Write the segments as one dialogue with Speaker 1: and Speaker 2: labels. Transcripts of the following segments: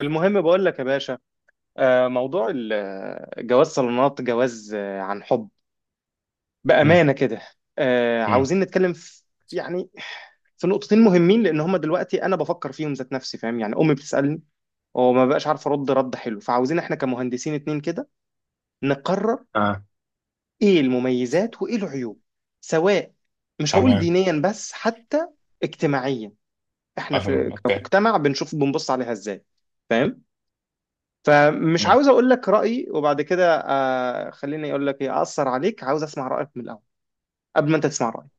Speaker 1: المهم بقول لك يا باشا. موضوع جواز صالونات، جواز عن حب،
Speaker 2: امم
Speaker 1: بأمانة كده.
Speaker 2: امم
Speaker 1: عاوزين نتكلم في يعني، في نقطتين مهمين، لأن هما دلوقتي أنا بفكر فيهم ذات نفسي فاهم؟ يعني أمي بتسألني وما بقاش عارف أرد رد حلو، فعاوزين إحنا كمهندسين اتنين كده نقرر
Speaker 2: آه،
Speaker 1: إيه المميزات وإيه العيوب، سواء، مش هقول
Speaker 2: تمام.
Speaker 1: دينيا بس، حتى اجتماعيا. إحنا في
Speaker 2: عشان اوكي.
Speaker 1: كمجتمع بنشوف بنبص عليها إزاي، فاهم؟ فمش
Speaker 2: امم
Speaker 1: عاوز اقول لك رايي وبعد كده آه خليني اقول لك ايه اثر عليك، عاوز اسمع رايك من الاول قبل ما انت تسمع رايي،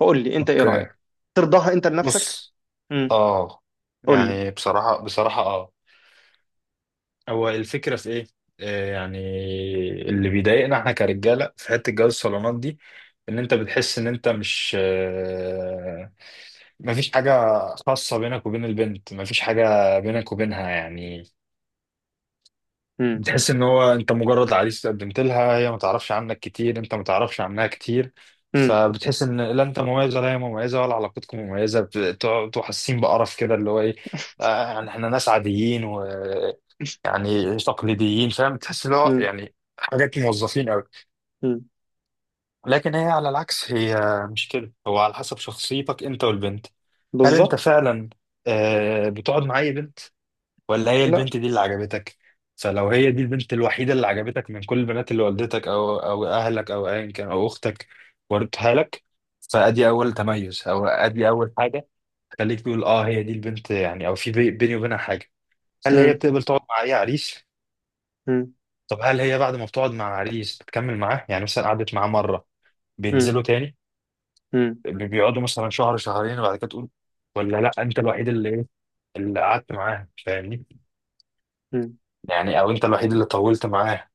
Speaker 1: فقول لي انت ايه
Speaker 2: اوكي.
Speaker 1: رايك. ترضاها انت لنفسك؟
Speaker 2: بص.
Speaker 1: امم.
Speaker 2: اه
Speaker 1: قول لي.
Speaker 2: يعني بصراحة بصراحة، هو الفكرة في ايه؟ يعني اللي بيضايقنا احنا كرجالة في حتة جواز الصالونات دي، ان انت بتحس ان انت مش، مفيش حاجة خاصة بينك وبين البنت، مفيش حاجة بينك وبينها يعني.
Speaker 1: امم.
Speaker 2: بتحس ان هو انت مجرد عريس قدمت لها، هي ما تعرفش عنك كتير، انت ما تعرفش عنها كتير.
Speaker 1: امم.
Speaker 2: فبتحس ان لا انت مميز ولا هي مميزه ولا علاقتكم مميزه، بتبقوا حاسين بقرف كده، اللي هو ايه، يعني احنا ناس عاديين ويعني تقليديين، فاهم، تحس اللي هو
Speaker 1: امم.
Speaker 2: يعني حاجات موظفين قوي.
Speaker 1: امم.
Speaker 2: لكن هي على العكس، هي مش كده. هو على حسب شخصيتك انت والبنت. هل انت
Speaker 1: بالظبط.
Speaker 2: فعلا بتقعد مع اي بنت، ولا هي
Speaker 1: لا.
Speaker 2: البنت دي اللي عجبتك؟ فلو هي دي البنت الوحيدة اللي عجبتك من كل البنات اللي والدتك أو أهلك أو أيا كان أو أختك وردتها لك، فأدي أول تميز أو أدي أول حاجة. خليك تقول أه هي دي البنت يعني، أو في بيني وبينها حاجة. هل هي
Speaker 1: امم.
Speaker 2: بتقبل تقعد مع أي عريس؟
Speaker 1: امم.
Speaker 2: طب هل هي بعد ما بتقعد مع عريس بتكمل معاه؟ يعني مثلا قعدت معاه مرة،
Speaker 1: امم.
Speaker 2: بينزلوا تاني،
Speaker 1: امم.
Speaker 2: بيقعدوا مثلا شهر شهرين، وبعد كده تقول ولا لا أنت الوحيد اللي إيه، اللي قعدت معاه، فاهمني؟
Speaker 1: امم.
Speaker 2: يعني أو أنت الوحيد اللي طولت معاه،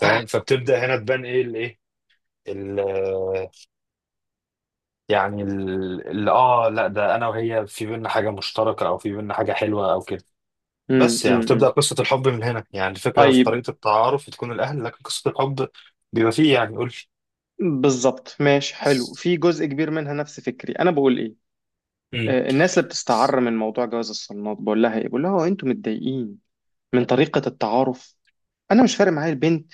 Speaker 2: فاهم. فبتبدا هنا تبان ايه الايه، ال- يعني لا ده انا وهي في بينا حاجه مشتركه او في بينا حاجه حلوه او كده.
Speaker 1: امم.
Speaker 2: بس يعني بتبدا
Speaker 1: امم.
Speaker 2: قصه الحب من هنا، يعني الفكره في
Speaker 1: طيب.
Speaker 2: طريقه التعارف تكون الاهل، لكن قصه الحب بيبقى فيه يعني. قول.
Speaker 1: بالظبط، ماشي، حلو. في جزء كبير منها نفس فكري. انا بقول ايه؟
Speaker 2: امم
Speaker 1: الناس اللي بتستعر من موضوع جواز الصالونات بقول لها ايه، بقول لها: هو انتوا متضايقين من طريقة التعارف؟ انا مش فارق معايا البنت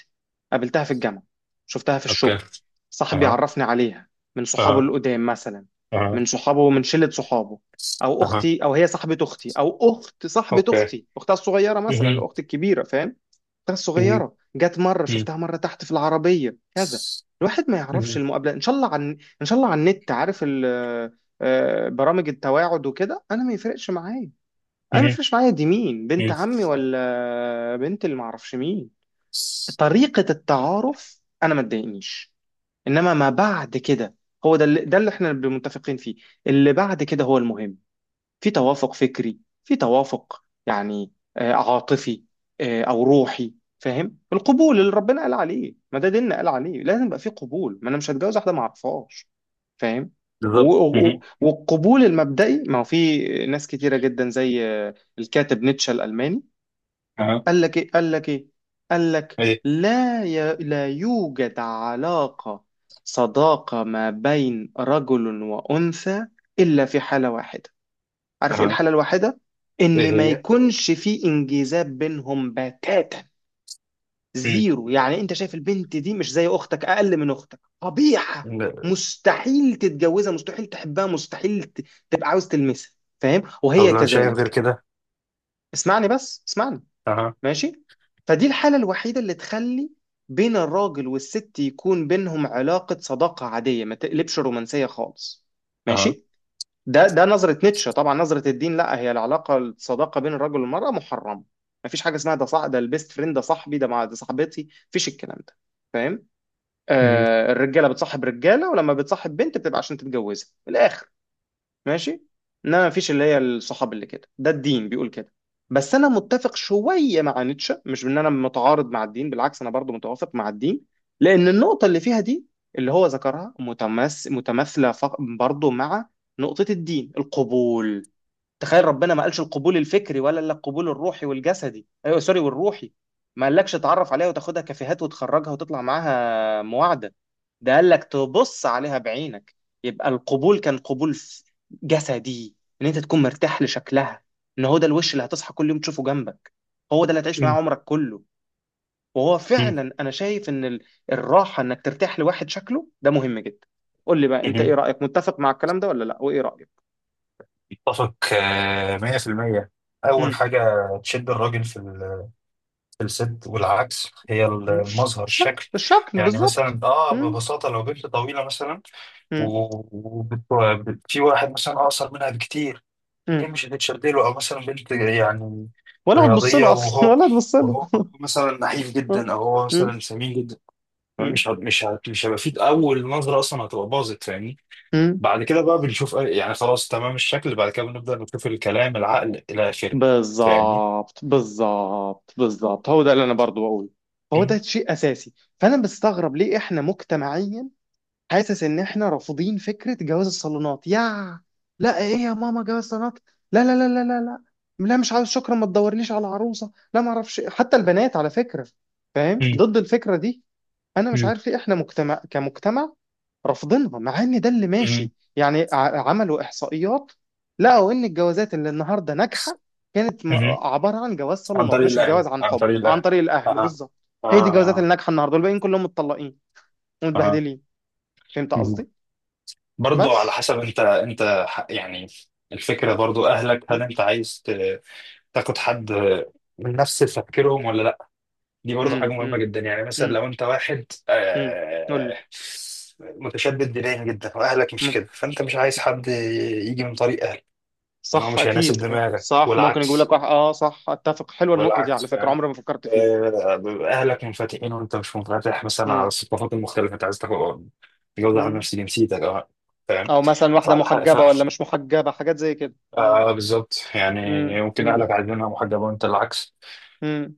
Speaker 1: قابلتها في الجامعه، شفتها في
Speaker 2: اوكي.
Speaker 1: الشغل، صاحبي
Speaker 2: اها،
Speaker 1: عرفني عليها، من صحابه
Speaker 2: اها،
Speaker 1: القدام مثلا،
Speaker 2: اها،
Speaker 1: من شله صحابه، او
Speaker 2: اها،
Speaker 1: اختي، او هي صاحبه اختي، او اخت صاحبه
Speaker 2: اوكي.
Speaker 1: اختي، اختها الصغيره مثلا،
Speaker 2: مهم.
Speaker 1: الاخت الكبيره، فاهم؟ اختها
Speaker 2: مهم.
Speaker 1: الصغيره جت مره
Speaker 2: مهم.
Speaker 1: شفتها مره تحت في العربيه كذا، الواحد ما يعرفش.
Speaker 2: مهم.
Speaker 1: المقابله ان شاء الله عن ان شاء الله على النت عارف برامج التواعد وكده، انا ما يفرقش معايا. انا ما
Speaker 2: مهم.
Speaker 1: يفرقش معايا دي مين، بنت
Speaker 2: مهم.
Speaker 1: عمي ولا بنت اللي ما اعرفش مين. طريقة التعارف انا ما تضايقنيش، انما ما بعد كده، هو ده اللي احنا متفقين فيه. اللي بعد كده هو المهم: في توافق فكري، في توافق يعني عاطفي، او روحي، فاهم؟ القبول اللي ربنا قال عليه، ما ده ديننا قال عليه لازم يبقى في قبول، ما انا مش هتجوز واحده ما اعرفهاش، فاهم؟
Speaker 2: بالظبط مهم.
Speaker 1: والقبول المبدئي، ما هو في ناس كتيره جدا زي الكاتب نيتشه الالماني،
Speaker 2: اها،
Speaker 1: قال لك ايه، قال لك ايه، قال لك
Speaker 2: ايه،
Speaker 1: لا لا يوجد علاقة صداقة ما بين رجل وأنثى إلا في حالة واحدة. عارف ايه
Speaker 2: اها،
Speaker 1: الحالة الواحدة؟
Speaker 2: ايه
Speaker 1: إن ما
Speaker 2: هي.
Speaker 1: يكونش في انجذاب بينهم بتاتا، زيرو. يعني انت شايف البنت دي مش زي اختك، اقل من اختك، قبيحة،
Speaker 2: مم.
Speaker 1: مستحيل تتجوزها، مستحيل تحبها، مستحيل تبقى عاوز تلمسها، فاهم؟
Speaker 2: طب
Speaker 1: وهي
Speaker 2: لو شايف غير
Speaker 1: كذلك.
Speaker 2: كده.
Speaker 1: اسمعني بس، اسمعني.
Speaker 2: اها،
Speaker 1: ماشي. فدي الحالة الوحيدة اللي تخلي بين الراجل والست يكون بينهم علاقة صداقة عادية ما تقلبش رومانسية خالص،
Speaker 2: اها،
Speaker 1: ماشي. ده نظرة نيتشه. طبعا نظرة الدين لا، هي العلاقة الصداقة بين الرجل والمرأة محرمة، ما فيش حاجة اسمها ده صاح، ده البيست فريند، ده صاحبي، ده مع ده صاحبتي، فيش الكلام ده، فاهم؟
Speaker 2: مهم.
Speaker 1: الرجالة بتصاحب رجالة، ولما بتصاحب بنت بتبقى عشان تتجوزها من الآخر، ماشي. انما مفيش اللي هي الصحاب اللي كده، ده الدين بيقول كده. بس انا متفق شويه مع نيتشه، مش ان انا متعارض مع الدين، بالعكس انا برضو متوافق مع الدين، لان النقطه اللي فيها دي، اللي هو ذكرها، متماثله برضو مع نقطه الدين، القبول. تخيل ربنا ما قالش القبول الفكري ولا الا القبول الروحي والجسدي، ايوه سوري، والروحي، ما قالكش تعرف عليها وتاخدها كافيهات وتخرجها وتطلع معاها معادة. ده قال لك تبص عليها بعينك، يبقى القبول كان قبول جسدي، ان انت تكون مرتاح لشكلها، ان هو ده الوش اللي هتصحى كل يوم تشوفه جنبك، هو ده اللي هتعيش معاه
Speaker 2: مهم.
Speaker 1: عمرك كله. وهو
Speaker 2: مهم.
Speaker 1: فعلا انا شايف ان الراحة انك ترتاح لواحد شكله ده مهم جدا. قول لي بقى انت ايه
Speaker 2: مهم.
Speaker 1: رأيك، متفق مع الكلام ده ولا لا، وايه رأيك؟
Speaker 2: اتفق، 100%. اول حاجه تشد الراجل في في الست والعكس، هي
Speaker 1: مم.
Speaker 2: المظهر،
Speaker 1: الشكل،
Speaker 2: الشكل.
Speaker 1: الشكل
Speaker 2: يعني
Speaker 1: بالظبط.
Speaker 2: مثلا
Speaker 1: مم.
Speaker 2: ببساطه، لو بنت طويله مثلا
Speaker 1: مم.
Speaker 2: و- في واحد مثلا اقصر منها بكتير، هي
Speaker 1: مم.
Speaker 2: مش هتتشد له. او مثلا بنت يعني
Speaker 1: ولا هتبص
Speaker 2: رياضيه
Speaker 1: له اصلا
Speaker 2: وهو
Speaker 1: ولا هتبص له.
Speaker 2: وهو مثلا نحيف
Speaker 1: آه.
Speaker 2: جدا او هو
Speaker 1: مم.
Speaker 2: مثلا سمين جدا،
Speaker 1: مم.
Speaker 2: فمش هت- مش هت- مش هيبقى في اول نظره اصلا، هتبقى باظت، فاهمني.
Speaker 1: مم.
Speaker 2: بعد كده بقى بنشوف يعني خلاص تمام الشكل، بعد كده بنبدأ نشوف الكلام، العقل، إلى آخره. فاهمني؟
Speaker 1: بالظبط، بالظبط، بالظبط، هو ده اللي انا برضو بقوله. هو ده
Speaker 2: مم.
Speaker 1: شيء اساسي. فانا بستغرب ليه احنا مجتمعيا حاسس ان احنا رافضين فكره جواز الصالونات، يا لا ايه يا ماما جواز الصالونات، لا لا لا لا لا، لا لا مش عاوز شكرا، ما تدورليش على عروسه، لا ما اعرفش إيه. حتى البنات على فكره، فاهم،
Speaker 2: مم.
Speaker 1: ضد الفكره دي. انا مش
Speaker 2: مم.
Speaker 1: عارف ليه احنا مجتمع كمجتمع رافضينها، مع ان ده اللي
Speaker 2: مم.
Speaker 1: ماشي. يعني عملوا احصائيات، لقوا ان الجوازات اللي النهارده ناجحه كانت
Speaker 2: مم.
Speaker 1: عباره عن جواز
Speaker 2: عن
Speaker 1: صالونات،
Speaker 2: طريق
Speaker 1: مش
Speaker 2: الأهل،
Speaker 1: الجواز عن
Speaker 2: عن
Speaker 1: حب،
Speaker 2: طريق
Speaker 1: عن
Speaker 2: الأهل.
Speaker 1: طريق الاهل
Speaker 2: أها،
Speaker 1: بالظبط. هي دي الجوازات
Speaker 2: أها،
Speaker 1: اللي ناجحه النهارده، والباقيين كلهم متطلقين
Speaker 2: أها.
Speaker 1: ومتبهدلين. فهمت
Speaker 2: مم.
Speaker 1: قصدي؟
Speaker 2: برضو على
Speaker 1: بس.
Speaker 2: حسب أنت، يعني الفكرة برضو أهلك،
Speaker 1: امم.
Speaker 2: هل أنت عايز تاخد حد من نفس تفكيرهم ولا؟ دي برضه حاجة
Speaker 1: امم.
Speaker 2: مهمة جدا. يعني مثلا
Speaker 1: امم.
Speaker 2: لو أنت واحد
Speaker 1: امم. قول لي.
Speaker 2: متشدد دينيا جدا وأهلك مش
Speaker 1: مم.
Speaker 2: كده، فأنت مش عايز حد يجي من طريق أهلك، لأن هو
Speaker 1: صح،
Speaker 2: مش هيناسب
Speaker 1: اكيد
Speaker 2: دماغك
Speaker 1: صح، ممكن يقول لك
Speaker 2: والعكس،
Speaker 1: واحد. اه صح، اتفق، حلوه النقطه دي
Speaker 2: والعكس،
Speaker 1: على فكره،
Speaker 2: فاهم.
Speaker 1: عمري ما فكرت فيها.
Speaker 2: أهلك منفتحين وأنت مش منفتح مثلا على الثقافات المختلفة، أنت عايز تاخد، تجوز واحد
Speaker 1: امم.
Speaker 2: نفس جنسيتك، أه، فاهم.
Speaker 1: او مثلا واحده
Speaker 2: فعلى حق
Speaker 1: محجبه
Speaker 2: فعلا.
Speaker 1: ولا مش محجبه، حاجات زي كده. مم.
Speaker 2: بالظبط
Speaker 1: مم.
Speaker 2: يعني، ممكن
Speaker 1: مم.
Speaker 2: أهلك عايزينها محجبة وأنت العكس.
Speaker 1: مم.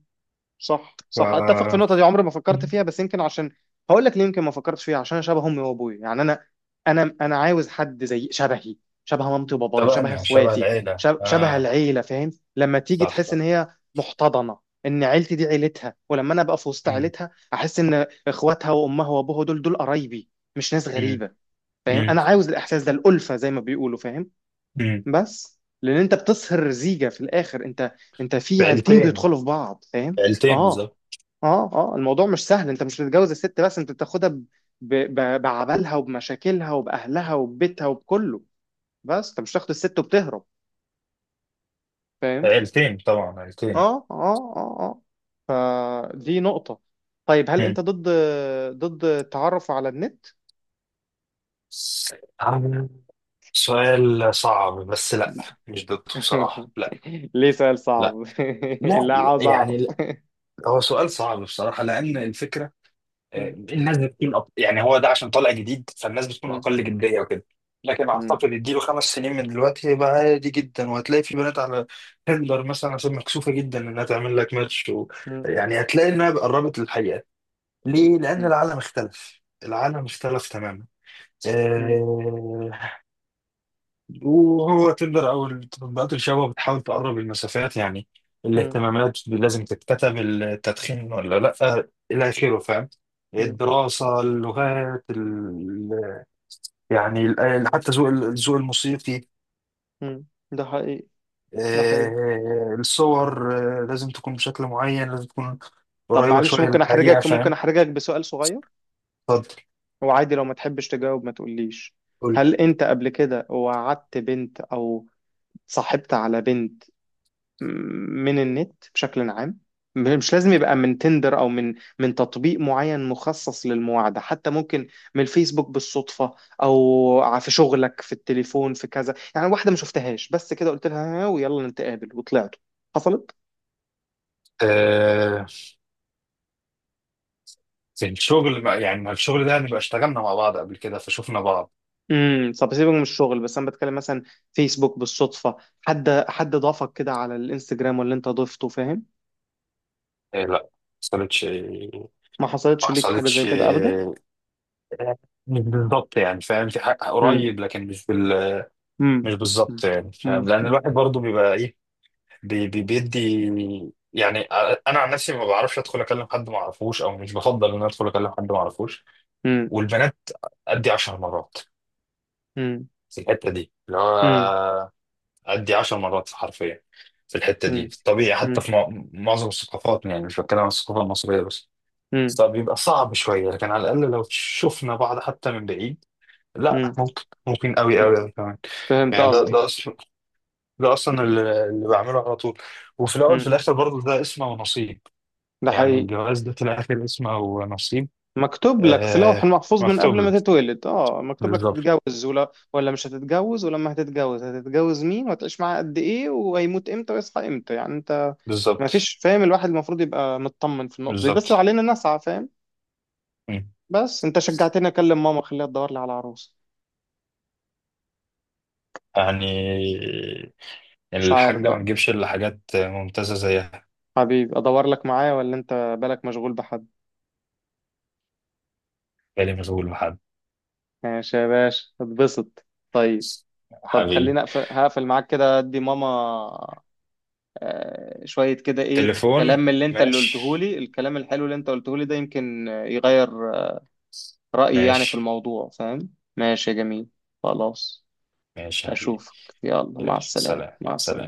Speaker 1: صح، صح، اتفق في
Speaker 2: ف
Speaker 1: النقطه دي، عمري ما فكرت فيها. بس يمكن عشان، هقول لك ليه يمكن ما فكرتش فيها، عشان أنا شبه امي وابويا، يعني انا عاوز حد زي شبهي، شبه مامتي وبابايا، شبه
Speaker 2: شبهنا، شبه
Speaker 1: اخواتي،
Speaker 2: العيلة،
Speaker 1: شبه
Speaker 2: اه.
Speaker 1: العيله، فاهم؟ لما تيجي
Speaker 2: صح،
Speaker 1: تحس ان
Speaker 2: صح.
Speaker 1: هي محتضنه، ان عيلتي دي عيلتها، ولما انا ابقى في وسط عيلتها احس ان اخواتها وامها وابوها دول قرايبي، مش ناس
Speaker 2: مم.
Speaker 1: غريبه، فاهم؟
Speaker 2: مم.
Speaker 1: انا عاوز الاحساس ده، الالفه زي ما بيقولوا، فاهم؟
Speaker 2: مم.
Speaker 1: بس لان انت بتصهر زيجة في الاخر، انت، في عيلتين
Speaker 2: بعيلتين
Speaker 1: بيدخلوا في بعض، فاهم؟
Speaker 2: عيلتين
Speaker 1: اه
Speaker 2: بالظبط.
Speaker 1: اه اه. الموضوع مش سهل، انت مش بتتجوز الست بس، انت بتاخدها بعبالها وبمشاكلها وباهلها وببيتها وبكله، بس انت مش تاخد الست وبتهرب، فاهم؟
Speaker 2: عيلتين، طبعا عيلتين.
Speaker 1: اه اه اه اه. فدي نقطة. طيب هل انت
Speaker 2: مم.
Speaker 1: ضد التعرف على النت؟
Speaker 2: عم، سؤال صعب بس. لا، مش ضده بصراحة. لا،
Speaker 1: ليه سؤال
Speaker 2: لا،
Speaker 1: صعب؟
Speaker 2: لا،
Speaker 1: لا
Speaker 2: لا،
Speaker 1: عاوز اعرف.
Speaker 2: يعني لا. هو سؤال صعب بصراحة، لأن الفكرة، الناس بتكون يعني هو ده عشان طالع جديد، فالناس بتكون أقل جدية وكده. لكن أعتقد اديله 5 سنين من دلوقتي هيبقى عادي جدا، وهتلاقي في بنات على تندر مثلا، عشان مكسوفة جدا إنها تعمل لك ماتش، يعني هتلاقي إنها قربت للحقيقة. ليه؟ لأن العالم اختلف، العالم اختلف تماما. آه، وهو تندر أو التطبيقات، الشباب بتحاول تقرب المسافات، يعني
Speaker 1: مم.
Speaker 2: الاهتمامات لازم تتكتب، التدخين ولا لأ، إلى آخره، فاهم.
Speaker 1: مم.
Speaker 2: الدراسة، اللغات، يعني حتى ذوق، الذوق الموسيقي،
Speaker 1: مم. ده حقيقي. ده حقيقي.
Speaker 2: الصور، لازم تكون بشكل معين، لازم تكون
Speaker 1: طب
Speaker 2: قريبة
Speaker 1: معلش
Speaker 2: شوية
Speaker 1: ممكن
Speaker 2: للحقيقة،
Speaker 1: احرجك،
Speaker 2: فاهم.
Speaker 1: بسؤال صغير،
Speaker 2: اتفضل.
Speaker 1: وعادي لو ما تحبش تجاوب ما تقوليش.
Speaker 2: قول.
Speaker 1: هل انت قبل كده وعدت بنت او صاحبت على بنت، م- من النت بشكل عام، مش لازم يبقى من تندر، او من تطبيق معين مخصص للمواعدة، حتى ممكن من الفيسبوك بالصدفة، او في شغلك، في التليفون، في كذا، يعني واحدة ما شفتهاش بس كده قلت لها ها ويلا نتقابل وطلعت، حصلت؟
Speaker 2: زي الشغل يعني ما الشغل ده نبقى اشتغلنا مع بعض قبل كده فشوفنا بعض.
Speaker 1: امم. طب سيبك من الشغل، بس انا بتكلم مثلا فيسبوك بالصدفه، حد ضافك كده على الانستجرام، واللي انت ضفته، فاهم؟
Speaker 2: إيه، لا، ما حصلتش.
Speaker 1: ما حصلتش
Speaker 2: ما
Speaker 1: ليك حاجه زي
Speaker 2: حصلتش،
Speaker 1: كده ابدا؟
Speaker 2: إيه، مش بالظبط يعني، فاهم، في حق
Speaker 1: امم.
Speaker 2: قريب، لكن
Speaker 1: امم.
Speaker 2: مش بالظبط يعني،
Speaker 1: امم.
Speaker 2: فاهم، لان الواحد برضه بيبقى ايه، بي بي بيدي يعني. انا عن نفسي ما بعرفش ادخل اكلم حد ما اعرفوش، او مش بفضل ان أنا ادخل اكلم حد ما اعرفوش.
Speaker 1: امم.
Speaker 2: والبنات ادي 10 مرات
Speaker 1: امم.
Speaker 2: في الحته دي اللي
Speaker 1: امم.
Speaker 2: هو، أدي 10 مرات حرفيا في الحتة دي، في الطبيعي حتى
Speaker 1: امم.
Speaker 2: في معظم الثقافات، يعني مش بتكلم عن الثقافة المصرية بس،
Speaker 1: امم.
Speaker 2: بس بيبقى صعب شوية، لكن على الأقل لو شفنا بعض حتى من بعيد،
Speaker 1: امم.
Speaker 2: لا ممكن، ممكن قوي قوي قوي كمان.
Speaker 1: فهمت
Speaker 2: يعني ده
Speaker 1: قصدك.
Speaker 2: ده أصلا، ده أصلا
Speaker 1: امم.
Speaker 2: اللي بعمله على طول. وفي الأول، في
Speaker 1: امم.
Speaker 2: الآخر برضه ده اسمه ونصيب.
Speaker 1: ده
Speaker 2: يعني
Speaker 1: حقيقي.
Speaker 2: الجواز ده في الآخر اسمه ونصيب.
Speaker 1: مكتوب لك في لوح
Speaker 2: آه،
Speaker 1: محفوظ من
Speaker 2: مكتوب
Speaker 1: قبل
Speaker 2: لك.
Speaker 1: ما تتولد، اه مكتوب لك
Speaker 2: بالظبط،
Speaker 1: هتتجوز ولا مش هتتجوز، ولما هتتجوز هتتجوز مين، وهتعيش معاه قد ايه، وهيموت امتى ويصحى امتى، يعني انت ما
Speaker 2: بالظبط،
Speaker 1: فيش، فاهم؟ الواحد المفروض يبقى مطمن في النقطة دي، بس
Speaker 2: بالظبط.
Speaker 1: علينا نسعى، فاهم؟
Speaker 2: مم.
Speaker 1: بس انت شجعتني اكلم ماما خليها تدور لي على عروس.
Speaker 2: يعني يعني
Speaker 1: مش عارف
Speaker 2: الحاجة ما
Speaker 1: بقى،
Speaker 2: تجيبش إلا حاجات ممتازة زيها.
Speaker 1: حبيبي ادور لك معايا، ولا انت بالك مشغول بحد؟
Speaker 2: بالي مشغول بحد.
Speaker 1: ماشي يا باشا، اتبسط. طيب، طب
Speaker 2: حبيبي.
Speaker 1: خليني اقفل، هقفل معاك كده ادي ماما. شوية كده إيه كلام
Speaker 2: تليفون.
Speaker 1: من اللي أنت اللي
Speaker 2: ماشي.
Speaker 1: قلتهولي، الكلام الحلو اللي أنت قلتهولي ده يمكن يغير رأيي يعني في
Speaker 2: ماشي،
Speaker 1: الموضوع، فاهم؟ ماشي يا جميل. خلاص.
Speaker 2: ماشي يا حبيبي.
Speaker 1: أشوفك. يلا
Speaker 2: يلا،
Speaker 1: مع السلامة،
Speaker 2: سلام،
Speaker 1: مع السلامة.
Speaker 2: سلام.